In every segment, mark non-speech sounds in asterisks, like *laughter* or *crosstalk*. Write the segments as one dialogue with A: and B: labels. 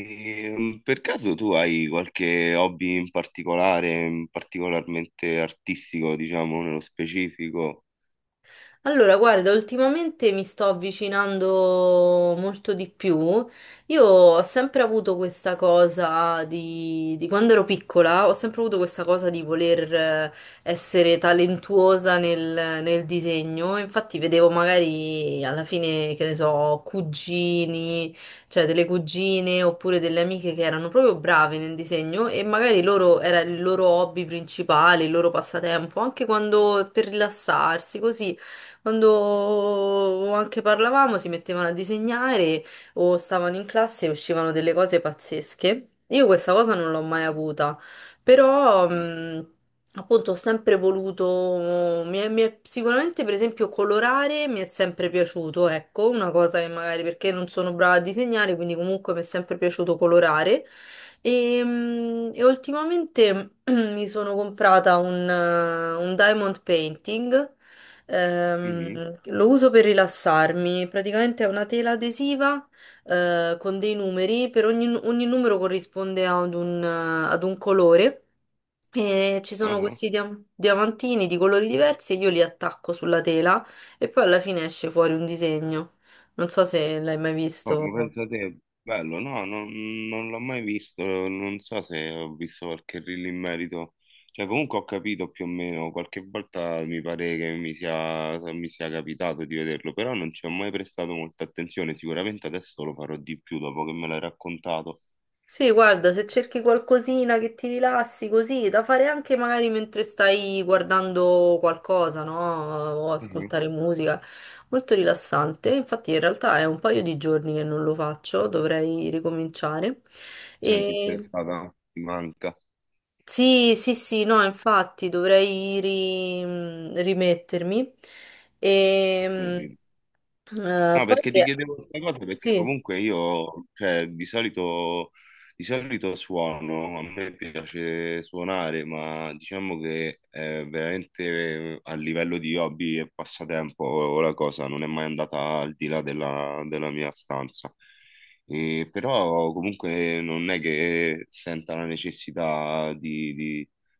A: E, per caso tu hai qualche hobby in particolare, in particolarmente artistico, diciamo, nello specifico?
B: Allora, guarda, ultimamente mi sto avvicinando molto di più. Io ho sempre avuto questa cosa di quando ero piccola, ho sempre avuto questa cosa di voler essere talentuosa nel disegno. Infatti vedevo magari alla fine, che ne so, cugini, cioè delle cugine oppure delle amiche che erano proprio brave nel disegno e magari loro era il loro hobby principale, il loro passatempo, anche quando per rilassarsi, così. Quando anche parlavamo si mettevano a disegnare o stavano in classe e uscivano delle cose pazzesche. Io questa cosa non l'ho mai avuta, però appunto ho sempre voluto, sicuramente per esempio colorare mi è sempre piaciuto, ecco, una cosa che magari perché non sono brava a disegnare, quindi comunque mi è sempre piaciuto colorare. E ultimamente *clears throat* mi sono comprata un diamond painting.
A: Mhm,
B: Lo uso per rilassarmi, praticamente è una tela adesiva, con dei numeri, per ogni numero corrisponde ad un colore e ci sono
A: aha.
B: questi diamantini di colori diversi e io li attacco sulla tela e poi alla fine esce fuori un disegno. Non so se l'hai mai
A: Oh, ma
B: visto.
A: pensa te, bello, no, non l'ho mai visto, non so se ho visto qualche reel in merito, cioè comunque ho capito più o meno, qualche volta mi pare che mi sia capitato di vederlo, però non ci ho mai prestato molta attenzione, sicuramente adesso lo farò di più dopo che me l'hai raccontato.
B: Sì, guarda, se cerchi qualcosina che ti rilassi così, da fare anche magari mentre stai guardando qualcosa, no? O
A: Mhm.
B: ascoltare musica, molto rilassante. Infatti in realtà è un paio di giorni che non lo faccio, dovrei ricominciare.
A: Senti
B: E...
A: stressata, ti manca.
B: Sì, sì, sì, no, infatti rimettermi.
A: Ho
B: E...
A: capito. No,
B: Poi
A: perché ti
B: che...
A: chiedevo questa cosa perché
B: Sì,
A: comunque io, cioè, di solito suono, a me piace suonare, ma diciamo che veramente a livello di hobby e passatempo la cosa non è mai andata al di là della mia stanza. E però comunque non è che senta la necessità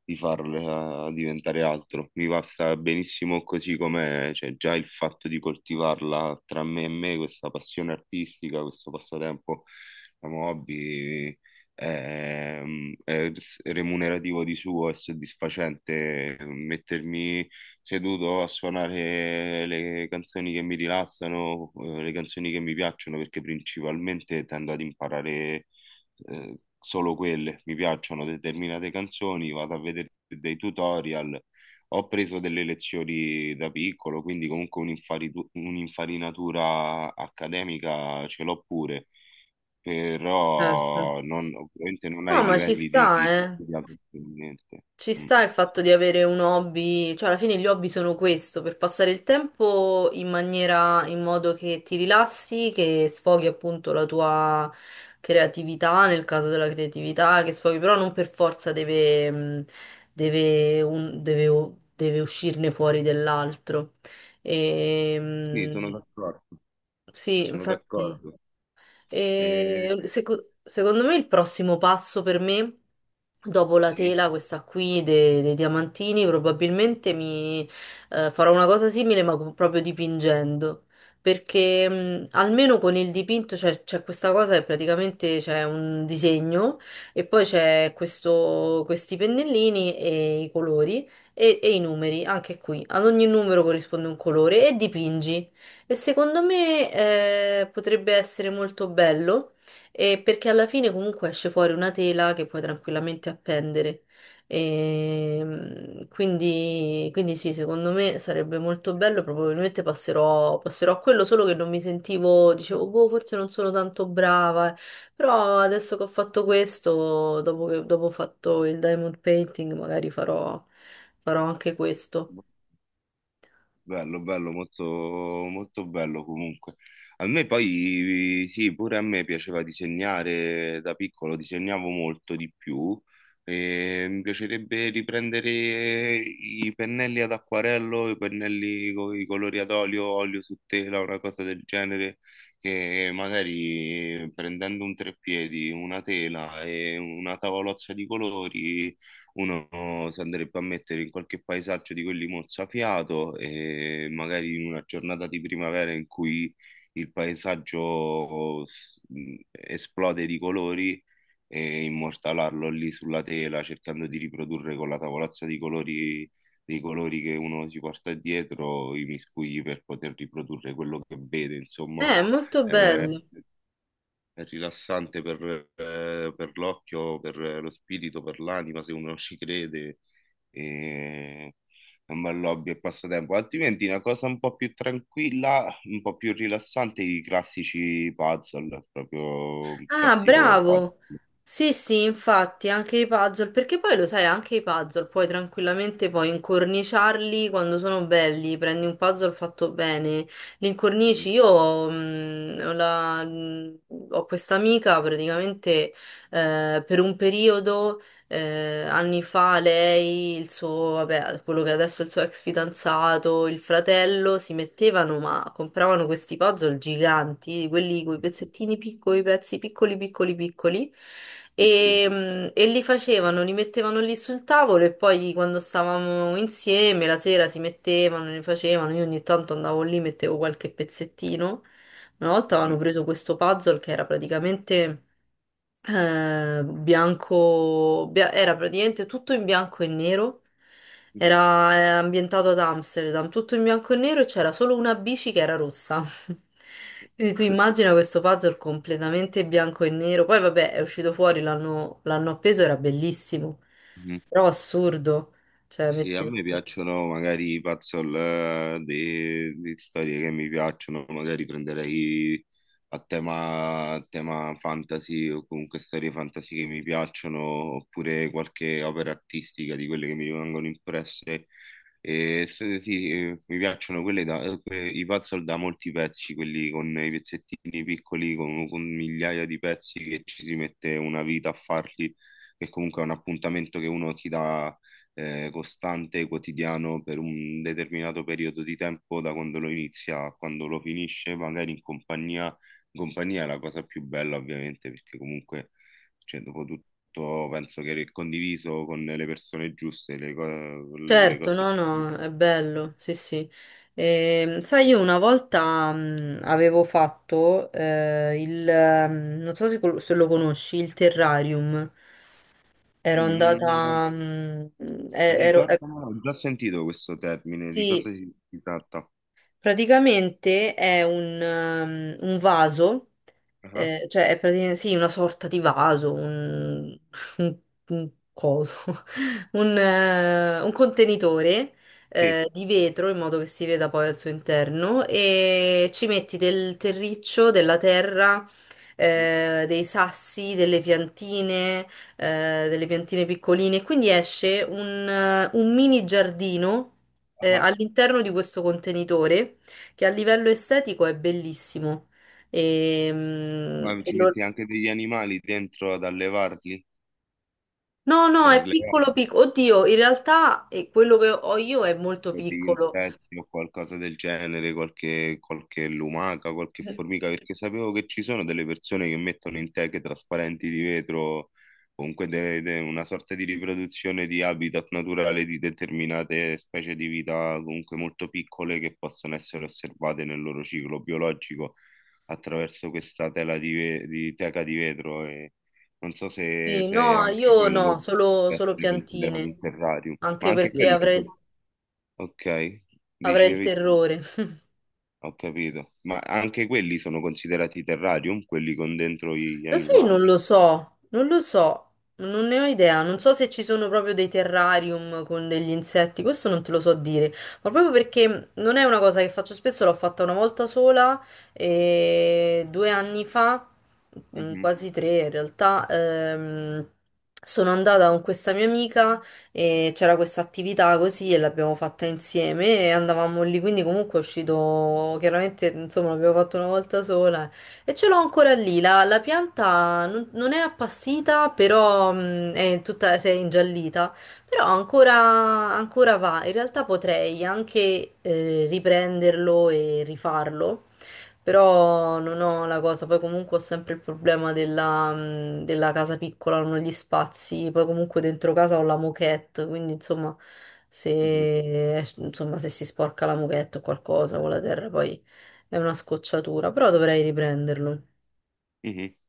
A: di farla diventare altro. Mi basta benissimo così com'è, cioè già il fatto di coltivarla tra me e me, questa passione artistica, questo passatempo, la hobby, è, è remunerativo di suo, è soddisfacente mettermi seduto a suonare le canzoni che mi rilassano, le canzoni che mi piacciono, perché principalmente tendo ad imparare solo quelle, mi piacciono determinate canzoni, vado a vedere dei tutorial, ho preso delle lezioni da piccolo, quindi comunque un'infarinatura accademica ce l'ho pure,
B: certo.
A: però non, ovviamente non hai
B: No,
A: i
B: ma ci
A: livelli di
B: sta,
A: chi ha
B: eh.
A: studiato niente.
B: Ci
A: Mm.
B: sta il fatto di avere un hobby, cioè alla fine gli hobby sono questo, per passare il tempo in maniera, in modo che ti rilassi, che sfoghi appunto la tua creatività, nel caso della creatività, che sfoghi, però non per forza deve, deve uscirne fuori dell'altro. E,
A: Sì, sono
B: mh,
A: d'accordo,
B: sì,
A: sono
B: infatti.
A: d'accordo. Eh,
B: E secondo me il prossimo passo per me, dopo la
A: sì.
B: tela, questa qui dei diamantini, probabilmente mi farò una cosa simile, ma proprio dipingendo. Perché almeno con il dipinto c'è questa cosa che praticamente c'è un disegno e poi c'è questi pennellini e i colori e i numeri, anche qui. Ad ogni numero corrisponde un colore e dipingi. E secondo me potrebbe essere molto bello, perché alla fine comunque esce fuori una tela che puoi tranquillamente appendere. Quindi, quindi sì, secondo me sarebbe molto bello, probabilmente passerò a quello, solo che non mi sentivo, dicevo, boh, forse non sono tanto brava, eh. Però adesso che ho fatto questo, dopo ho fatto il diamond painting, magari farò anche questo.
A: Bello, bello, molto, molto bello comunque. A me poi, sì, pure a me piaceva disegnare da piccolo, disegnavo molto di più e mi piacerebbe riprendere i pennelli ad acquarello, i pennelli con i colori ad olio, olio su tela, una cosa del genere, che magari prendendo un treppiedi, una tela e una tavolozza di colori uno si andrebbe a mettere in qualche paesaggio di quelli mozzafiato e magari in una giornata di primavera in cui il paesaggio esplode di colori e immortalarlo lì sulla tela cercando di riprodurre con la tavolazza di colori, dei colori che uno si porta dietro i miscugli per poter riprodurre quello che vede, insomma.
B: Molto
A: Eh,
B: bello.
A: è rilassante per l'occhio, per lo spirito, per l'anima, se uno *laughs* ci crede. E... È un bel hobby e passatempo. Altrimenti una cosa un po' più tranquilla, un po' più rilassante, i classici puzzle, proprio un
B: Ah,
A: classico puzzle.
B: bravo! Sì, sì, infatti, anche i puzzle, perché poi lo sai, anche i puzzle puoi tranquillamente poi incorniciarli quando sono belli, prendi un puzzle fatto bene, li incornici. Io ho questa amica praticamente, per un periodo, anni fa lei, il suo, vabbè, quello che adesso è il suo ex fidanzato, il fratello, si mettevano, ma compravano questi puzzle giganti, di quelli con i pezzettini piccoli, pezzi piccoli, piccoli, piccoli,
A: Sì, sì.
B: e li facevano, li mettevano lì sul tavolo e poi quando stavamo insieme, la sera si mettevano, li facevano, io ogni tanto andavo lì, mettevo qualche pezzettino. Una volta avevano preso questo puzzle che era praticamente era praticamente tutto in bianco e nero. Era ambientato ad Amsterdam, tutto in bianco e nero e c'era solo una bici che era rossa. *laughs* Quindi tu immagina questo puzzle completamente bianco e nero. Poi vabbè, è uscito fuori, l'hanno appeso, era bellissimo.
A: Mhm.
B: Però assurdo. Cioè,
A: Sì, a
B: metti...
A: me piacciono magari i puzzle, di storie che mi piacciono, magari prenderei a tema fantasy o comunque storie fantasy che mi piacciono, oppure qualche opera artistica di quelle che mi rimangono impresse. E sì, mi piacciono quelle i puzzle da molti pezzi, quelli con i pezzettini piccoli, con migliaia di pezzi che ci si mette una vita a farli, che comunque è un appuntamento che uno si dà costante, quotidiano per un determinato periodo di tempo, da quando lo inizia a quando lo finisce, magari in compagnia. In compagnia è la cosa più bella, ovviamente, perché comunque, cioè, dopo tutto, penso che condiviso con le persone giuste, le
B: Certo,
A: cose...
B: no, no, è bello, sì, sì. Sai, io una volta avevo fatto non so se, se lo conosci, il terrarium. Ero
A: Mm,
B: andata, ero,
A: ricordamelo, ho già sentito questo termine, di cosa
B: sì,
A: si, si tratta?
B: praticamente è un vaso,
A: Ah,
B: cioè è praticamente, sì, una sorta di vaso, un, *laughs* un- un coso, *laughs* un contenitore
A: sì.
B: di vetro in modo che si veda poi al suo interno e ci metti del terriccio, della terra, dei sassi, delle piantine piccoline, quindi esce un mini giardino,
A: Ah,
B: all'interno di questo contenitore che a livello estetico è bellissimo. Ehm,
A: ma
B: E,
A: ci
B: lo-
A: metti anche degli animali dentro ad allevarli?
B: No, no,
A: Per
B: è piccolo
A: allevarli?
B: piccolo. Oddio, in realtà quello che ho io è molto
A: Degli
B: piccolo.
A: insetti o qualcosa del genere, qualche, qualche lumaca, qualche formica, perché sapevo che ci sono delle persone che mettono in teche trasparenti di vetro, comunque una sorta di riproduzione di habitat naturale di determinate specie di vita, comunque molto piccole, che possono essere osservate nel loro ciclo biologico attraverso questa tela di teca di vetro. E non so se,
B: Sì,
A: se
B: no,
A: anche
B: io no,
A: quello può
B: solo
A: essere considerato
B: piantine,
A: un terrarium, ma
B: anche
A: anche
B: perché
A: quello è un ok,
B: avrei il
A: dicevi,
B: terrore.
A: ho capito. Ma anche quelli sono considerati terrarium, quelli con dentro gli
B: Lo sai, non
A: animali?
B: lo so, non lo so, non ne ho idea, non so se ci sono proprio dei terrarium con degli insetti, questo non te lo so dire, ma proprio perché non è una cosa che faccio spesso, l'ho fatta una volta sola e 2 anni fa,
A: Mhm,
B: quasi tre in realtà. Sono andata con questa mia amica e c'era questa attività così e l'abbiamo fatta insieme e andavamo lì, quindi comunque è uscito, chiaramente insomma l'abbiamo fatto una volta sola e ce l'ho ancora lì, la pianta non è appassita, però è tutta, si è ingiallita, però ancora, ancora va. In realtà potrei anche riprenderlo e rifarlo, però non ho la cosa, poi comunque ho sempre il problema della casa piccola, non ho gli spazi, poi comunque dentro casa ho la moquette, quindi
A: mhm,
B: insomma se si sporca la moquette o qualcosa con la terra poi è una scocciatura, però dovrei riprenderlo.
A: mhm.